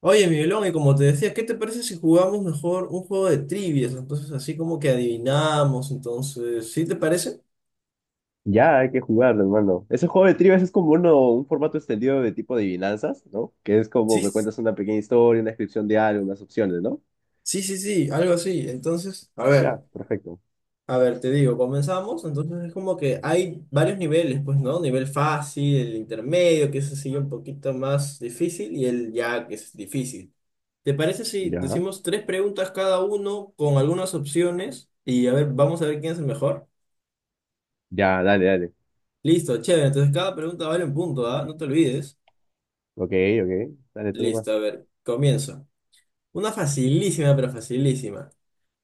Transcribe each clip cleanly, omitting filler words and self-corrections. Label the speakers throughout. Speaker 1: Oye, Miguelón, y como te decía, ¿qué te parece si jugamos mejor un juego de trivias? Entonces, así como que adivinamos, entonces, ¿sí te parece?
Speaker 2: Ya, hay que jugar, hermano. Ese juego de trivias es como un formato extendido de tipo de adivinanzas, ¿no? Que es
Speaker 1: Sí,
Speaker 2: como me cuentas una pequeña historia, una descripción de algo, unas opciones, ¿no?
Speaker 1: sí, sí, sí, algo así. Entonces, a
Speaker 2: Ya,
Speaker 1: ver,
Speaker 2: perfecto.
Speaker 1: a ver, te digo, comenzamos. Entonces, es como que hay varios niveles, pues, ¿no? Nivel fácil, el intermedio, que es así un poquito más difícil, y el ya que es difícil. ¿Te parece si
Speaker 2: Ya,
Speaker 1: decimos tres preguntas cada uno con algunas opciones? Y a ver, vamos a ver quién es el mejor.
Speaker 2: ya, dale, dale.
Speaker 1: Listo, chévere. Entonces, cada pregunta vale un punto, ¿ah? No te olvides.
Speaker 2: Ok, ok, dale tú nomás.
Speaker 1: Listo, a ver, comienzo. Una facilísima, pero facilísima.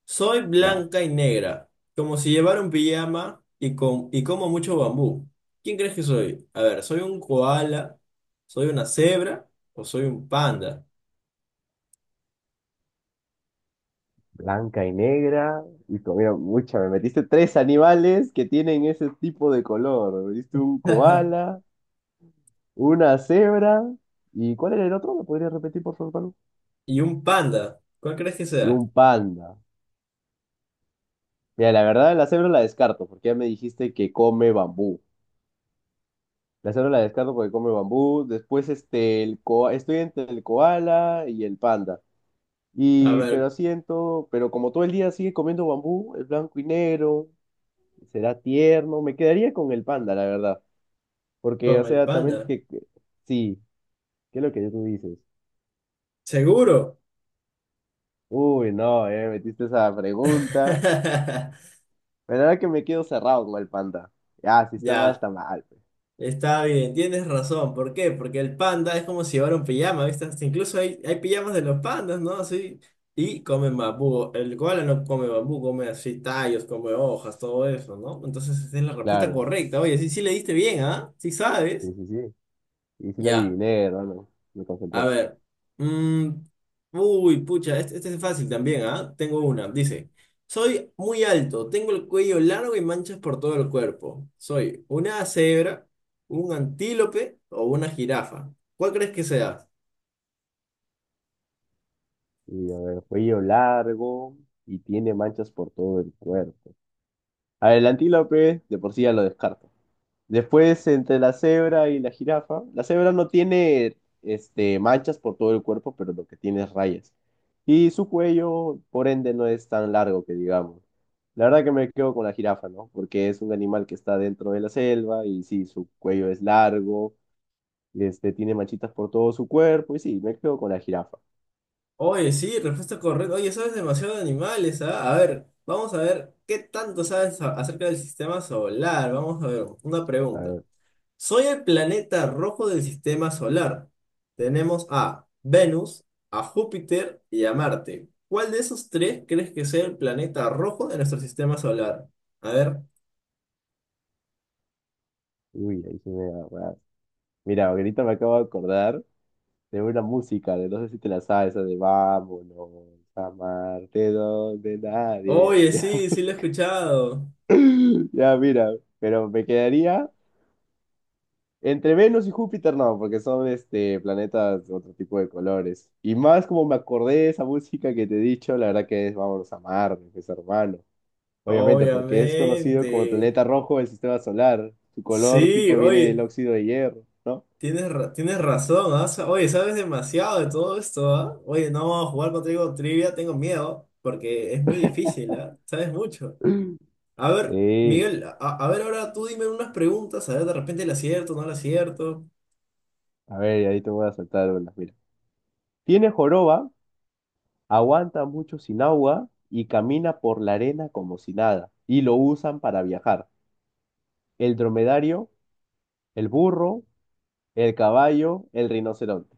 Speaker 1: Soy
Speaker 2: Ya,
Speaker 1: blanca y negra, como si llevara un pijama y, y como mucho bambú. ¿Quién crees que soy? A ver, ¿soy un koala? ¿Soy una cebra? ¿O soy un panda?
Speaker 2: blanca y negra. Y mira, mucha, me metiste tres animales que tienen ese tipo de color. Me metiste un koala, una cebra. ¿Y cuál era el otro? ¿Me podrías repetir, por favor, Pablo?
Speaker 1: Y un panda, ¿cuál crees que
Speaker 2: Y
Speaker 1: sea?
Speaker 2: un panda. Mira, la verdad, la cebra la descarto, porque ya me dijiste que come bambú. La cebra la descarto porque come bambú. Después, este, estoy entre el koala y el panda.
Speaker 1: A
Speaker 2: Y,
Speaker 1: ver,
Speaker 2: pero siento, pero como todo el día sigue comiendo bambú, es blanco y negro, será tierno. Me quedaría con el panda, la verdad. Porque, o
Speaker 1: con el
Speaker 2: sea, también
Speaker 1: panda.
Speaker 2: sí, ¿qué es lo que tú dices?
Speaker 1: ¿Seguro?
Speaker 2: Uy, no, metiste esa pregunta. Pero ahora que me quedo cerrado con el panda. Ah, si está mal,
Speaker 1: Ya.
Speaker 2: está mal pues.
Speaker 1: Está bien, tienes razón. ¿Por qué? Porque el panda es como si llevara un pijama, ¿viste? Hasta incluso hay, hay pijamas de los pandas, ¿no? Así. Y comen bambú. El koala no come bambú, come así tallos, come hojas, todo eso, ¿no? Entonces esa es la respuesta
Speaker 2: Claro.
Speaker 1: correcta. Oye, sí, sí le diste bien, ¿ah? Sí sabes.
Speaker 2: Sí, sí, sí. Y sí la
Speaker 1: Ya.
Speaker 2: adiviné, hermano. Me
Speaker 1: A
Speaker 2: concentré.
Speaker 1: ver. mm, uy, pucha, este es fácil también, ¿ah? Tengo una. Dice, soy muy alto, tengo el cuello largo y manchas por todo el cuerpo. Soy una cebra, un antílope o una jirafa. ¿Cuál crees que sea?
Speaker 2: Y a ver, cuello largo y tiene manchas por todo el cuerpo. A ver, el antílope de por sí ya lo descarto. Después, entre la cebra y la jirafa, la cebra no tiene este, manchas por todo el cuerpo, pero lo que tiene es rayas. Y su cuello, por ende, no es tan largo que digamos. La verdad que me quedo con la jirafa, ¿no? Porque es un animal que está dentro de la selva y sí, su cuello es largo, este, tiene manchitas por todo su cuerpo y sí, me quedo con la jirafa.
Speaker 1: Oye, sí, respuesta correcta. Oye, sabes demasiado de animales, ¿ah? A ver, vamos a ver qué tanto sabes acerca del sistema solar. Vamos a ver, una
Speaker 2: A
Speaker 1: pregunta.
Speaker 2: ver,
Speaker 1: Soy el planeta rojo del sistema solar. Tenemos a Venus, a Júpiter y a Marte. ¿Cuál de esos tres crees que sea el planeta rojo de nuestro sistema solar? A ver.
Speaker 2: uy, ahí sí me da agarras. Mira, ahorita me acabo de acordar de una música, de no sé si te la sabes, esa de Vámonos, a Marte donde nadie
Speaker 1: Oye,
Speaker 2: vaya.
Speaker 1: sí, sí lo he escuchado.
Speaker 2: Ya, mira, pero me quedaría entre Venus y Júpiter, no, porque son este, planetas de otro tipo de colores. Y más como me acordé de esa música que te he dicho, la verdad que es Vámonos a Marte, pues hermano. Obviamente, porque es conocido
Speaker 1: Obviamente.
Speaker 2: como el planeta rojo del sistema solar. Su color
Speaker 1: Sí,
Speaker 2: tipo viene del
Speaker 1: oye,
Speaker 2: óxido de hierro, ¿no?
Speaker 1: tienes, tienes razón, ¿ah? Oye, sabes demasiado de todo esto, ¿ah? Oye, no, jugar contigo trivia tengo miedo porque es muy difícil, ¿ah? Sabes mucho. A ver, Miguel,
Speaker 2: Sí,
Speaker 1: a ver ahora tú dime unas preguntas, a ver de repente le acierto, no le acierto.
Speaker 2: a ver, ahí te voy a saltar una. Mira. Tiene joroba, aguanta mucho sin agua y camina por la arena como si nada. Y lo usan para viajar. El dromedario, el burro, el caballo, el rinoceronte.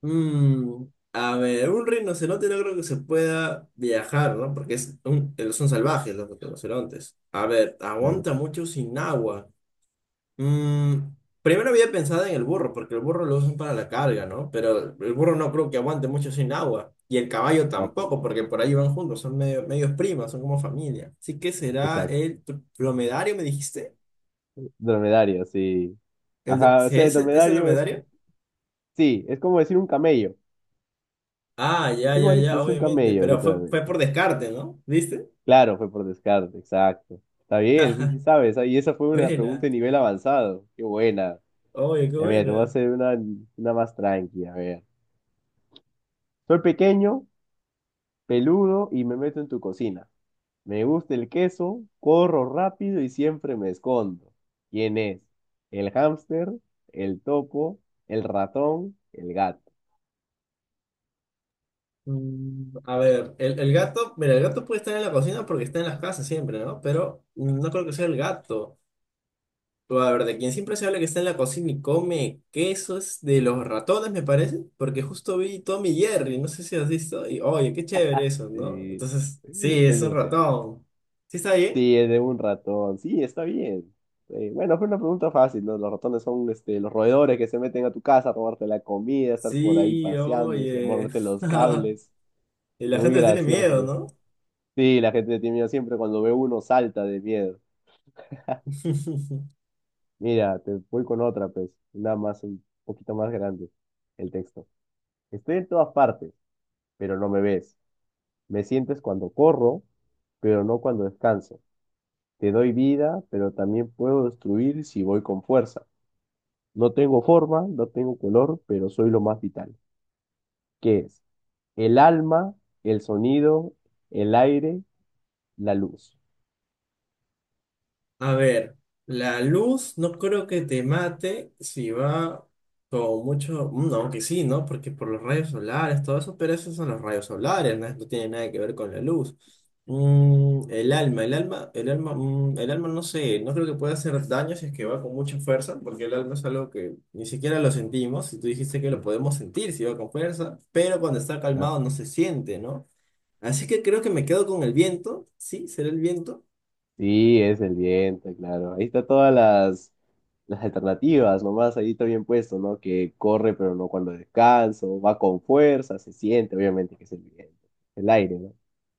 Speaker 1: Mm, a ver, un rinoceronte no creo que se pueda viajar, ¿no? Porque es un- son salvajes los rinocerontes. A ver,
Speaker 2: Claro,
Speaker 1: aguanta mucho sin agua. Mm, primero había pensado en el burro, porque el burro lo usan para la carga, ¿no? Pero el burro no creo que aguante mucho sin agua. Y el caballo
Speaker 2: no, pues,
Speaker 1: tampoco, porque por ahí van juntos, son medios primas, son como familia. Así que será
Speaker 2: exacto.
Speaker 1: el dromedario, me dijiste.
Speaker 2: Dromedario, sí.
Speaker 1: ¿El de-
Speaker 2: Ajá, o
Speaker 1: ¿sí
Speaker 2: sea, el
Speaker 1: ¿Es el
Speaker 2: dromedario es,
Speaker 1: dromedario?
Speaker 2: sí, es como decir un camello.
Speaker 1: Ah, ya,
Speaker 2: Es
Speaker 1: ya,
Speaker 2: igualito,
Speaker 1: ya,
Speaker 2: es un
Speaker 1: obviamente.
Speaker 2: camello,
Speaker 1: Pero fue, fue
Speaker 2: literalmente.
Speaker 1: por descarte, ¿no? ¿Viste?
Speaker 2: Claro, fue por descarte, exacto. Está bien, sí, sí sabes. Y esa fue una pregunta
Speaker 1: Buena.
Speaker 2: de nivel avanzado. Qué buena.
Speaker 1: Oye, qué
Speaker 2: Ya mira, te voy a
Speaker 1: buena.
Speaker 2: hacer una más tranquila, a ver. Soy pequeño, peludo y me meto en tu cocina. Me gusta el queso, corro rápido y siempre me escondo. ¿Quién es? ¿El hámster, el topo, el ratón, el gato?
Speaker 1: A ver, el gato, mira, el gato puede estar en la cocina porque está en las casas siempre, ¿no? Pero no creo que sea el gato. Pero, a ver, de quien siempre se habla que está en la cocina y come quesos de los ratones, me parece, porque justo vi Tommy y Jerry, no sé si has visto, y oye, qué chévere eso, ¿no?
Speaker 2: Sí,
Speaker 1: Entonces,
Speaker 2: es
Speaker 1: sí, es un
Speaker 2: demasiado.
Speaker 1: ratón. ¿Sí está ahí?
Speaker 2: Sí, es de un ratón. Sí, está bien. Sí, bueno, fue una pregunta fácil, ¿no? Los ratones son este, los roedores que se meten a tu casa a robarte la comida, estar por ahí
Speaker 1: Sí,
Speaker 2: paseándose, a
Speaker 1: oye.
Speaker 2: morderte los cables.
Speaker 1: Y la
Speaker 2: Muy
Speaker 1: gente tiene miedo,
Speaker 2: gracioso.
Speaker 1: ¿no?
Speaker 2: Sí, la gente tiene siempre cuando ve uno salta de miedo. Mira, te voy con otra, pues, una más, un poquito más grande, el texto. Estoy en todas partes, pero no me ves. Me sientes cuando corro, pero no cuando descanso. Te doy vida, pero también puedo destruir si voy con fuerza. No tengo forma, no tengo color, pero soy lo más vital. ¿Qué es? El alma, el sonido, el aire, la luz.
Speaker 1: A ver, la luz no creo que te mate si va con mucho, aunque sí, ¿no? Porque por los rayos solares, todo eso, pero esos son los rayos solares, ¿no? No tiene nada que ver con la luz. El alma, el alma, el alma, el alma no sé, no creo que pueda hacer daño si es que va con mucha fuerza, porque el alma es algo que ni siquiera lo sentimos, y tú dijiste que lo podemos sentir si va con fuerza, pero cuando está calmado no se siente, ¿no? Así que creo que me quedo con el viento, sí, será el viento.
Speaker 2: Sí, es el diente, claro. Ahí está todas las alternativas, nomás ahí está bien puesto, ¿no? Que corre pero no cuando descanso, va con fuerza, se siente, obviamente que es el viento, el aire, ¿no?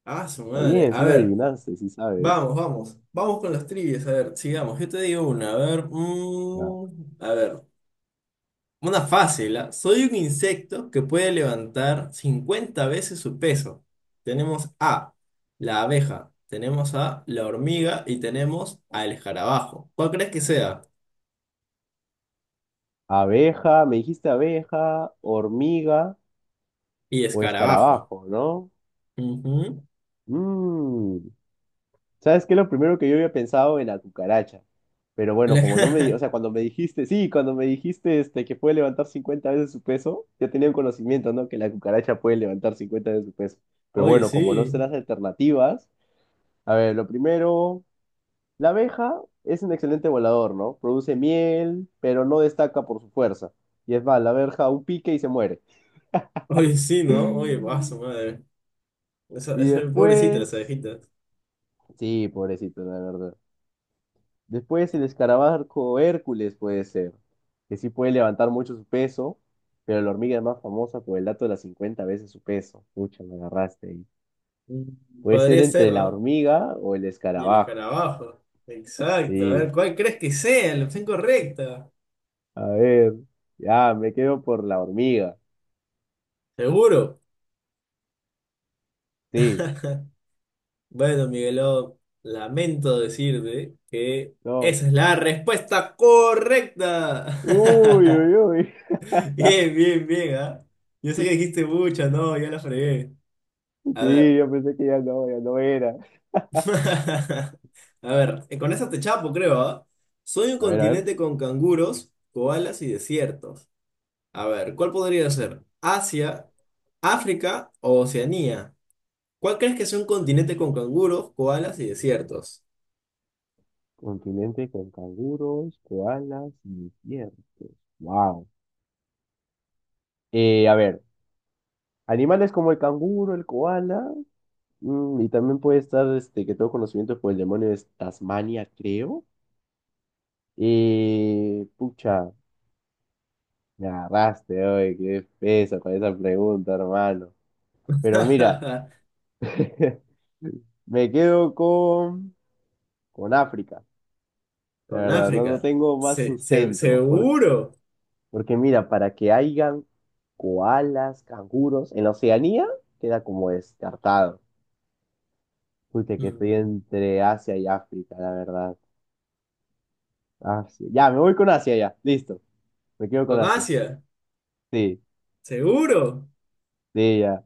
Speaker 1: Ah, su
Speaker 2: Está
Speaker 1: madre.
Speaker 2: bien,
Speaker 1: A
Speaker 2: sí la
Speaker 1: ver.
Speaker 2: adivinaste, sí sabes.
Speaker 1: Vamos, vamos. Vamos con las trivias. A ver, sigamos. Yo te digo una. A ver.
Speaker 2: Ya.
Speaker 1: A ver. Una fácil, ¿ah? Soy un insecto que puede levantar 50 veces su peso. Tenemos A, la abeja. Tenemos a la hormiga y tenemos al escarabajo. ¿Cuál crees que sea?
Speaker 2: Abeja, me dijiste abeja, hormiga
Speaker 1: Y
Speaker 2: o
Speaker 1: escarabajo.
Speaker 2: escarabajo, ¿no?
Speaker 1: Ujú.
Speaker 2: Mm, ¿Sabes qué? Lo primero que yo había pensado en la cucaracha. Pero bueno, como no me di, o
Speaker 1: La-
Speaker 2: sea, cuando me dijiste, sí, cuando me dijiste este, que puede levantar 50 veces su peso, ya tenía un conocimiento, ¿no? Que la cucaracha puede levantar 50 veces su peso. Pero
Speaker 1: Oye,
Speaker 2: bueno, como no sé
Speaker 1: sí.
Speaker 2: las alternativas, a ver, lo primero, la abeja es un excelente volador, ¿no? Produce miel, pero no destaca por su fuerza. Y es más, la abeja un pique y se muere.
Speaker 1: Oye, sí, ¿no? Oye, va, su madre.
Speaker 2: Y
Speaker 1: Pobrecita, las
Speaker 2: después,
Speaker 1: abejitas.
Speaker 2: sí, pobrecito, la verdad. Después el escarabajo Hércules puede ser, que sí puede levantar mucho su peso, pero la hormiga es más famosa por el dato de las 50 veces su peso. Pucha, me agarraste ahí.
Speaker 1: Mm,
Speaker 2: Puede ser
Speaker 1: Podría ser,
Speaker 2: entre la
Speaker 1: ¿no?
Speaker 2: hormiga o el
Speaker 1: Y el
Speaker 2: escarabajo.
Speaker 1: escarabajo. Exacto. A ver,
Speaker 2: Sí,
Speaker 1: ¿cuál crees que sea la opción correcta?
Speaker 2: a ver, ya, me quedo por la hormiga.
Speaker 1: Seguro.
Speaker 2: Sí,
Speaker 1: Bueno, Miguelón, lamento decirte que
Speaker 2: no.
Speaker 1: esa es la respuesta correcta.
Speaker 2: Uy, uy, uy.
Speaker 1: Bien, bien, bien, ¿ah? Yo sé que dijiste mucha no, ya la fregué. A
Speaker 2: Sí,
Speaker 1: ver.
Speaker 2: yo pensé que ya no, ya no era.
Speaker 1: A ver, con esa te chapo, creo, ¿ah? Soy un
Speaker 2: A ver, a ver.
Speaker 1: continente con canguros, koalas y desiertos. A ver, ¿cuál podría ser? ¿Asia, África o Oceanía? ¿Cuál crees que es un continente con canguros, koalas y desiertos?
Speaker 2: Continente con canguros, koalas y desiertos. Wow. A ver. Animales como el canguro, el koala, y también puede estar, este, que tengo conocimiento por el demonio de Tasmania, creo. Pucha, me agarraste, oye, qué peso con esa pregunta, hermano. Pero mira, me quedo con África, la
Speaker 1: Con
Speaker 2: verdad, no, no
Speaker 1: África.
Speaker 2: tengo más sustento,
Speaker 1: Seguro.
Speaker 2: porque mira, para que hayan koalas, canguros, en la Oceanía queda como descartado. Pucha, que estoy
Speaker 1: Mm,
Speaker 2: entre Asia y África, la verdad. Asia. Ya, me voy con Asia ya. Listo. Me quedo con
Speaker 1: Con
Speaker 2: Asia.
Speaker 1: Asia.
Speaker 2: Sí,
Speaker 1: Seguro.
Speaker 2: sí, ya.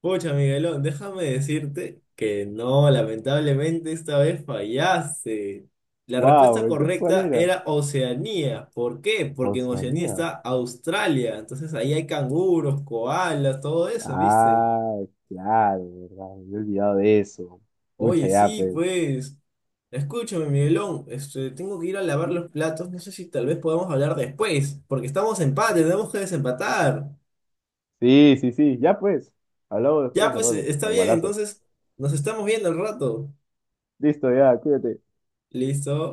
Speaker 1: Pucha, Miguelón, déjame decirte que no, lamentablemente esta vez fallaste. La respuesta
Speaker 2: Wow, entonces ¿cuál
Speaker 1: correcta
Speaker 2: era?
Speaker 1: era Oceanía. ¿Por qué? Porque en Oceanía
Speaker 2: Oceanía.
Speaker 1: está Australia. Entonces ahí hay canguros, koalas, todo eso, ¿viste?
Speaker 2: Ah, claro, verdad. Me he olvidado de eso. Mucha
Speaker 1: Oye,
Speaker 2: ya,
Speaker 1: sí,
Speaker 2: pues.
Speaker 1: pues. Escúchame, Miguelón. Este, tengo que ir a lavar los platos. No sé si tal vez podamos hablar después, porque estamos en empate, tenemos que desempatar.
Speaker 2: Sí, sí, sí. Ya pues. Hablamos
Speaker 1: Ya,
Speaker 2: después,
Speaker 1: pues,
Speaker 2: hermano.
Speaker 1: está bien,
Speaker 2: Normalazo.
Speaker 1: entonces nos estamos viendo al rato.
Speaker 2: Listo, ya, cuídate.
Speaker 1: Listo.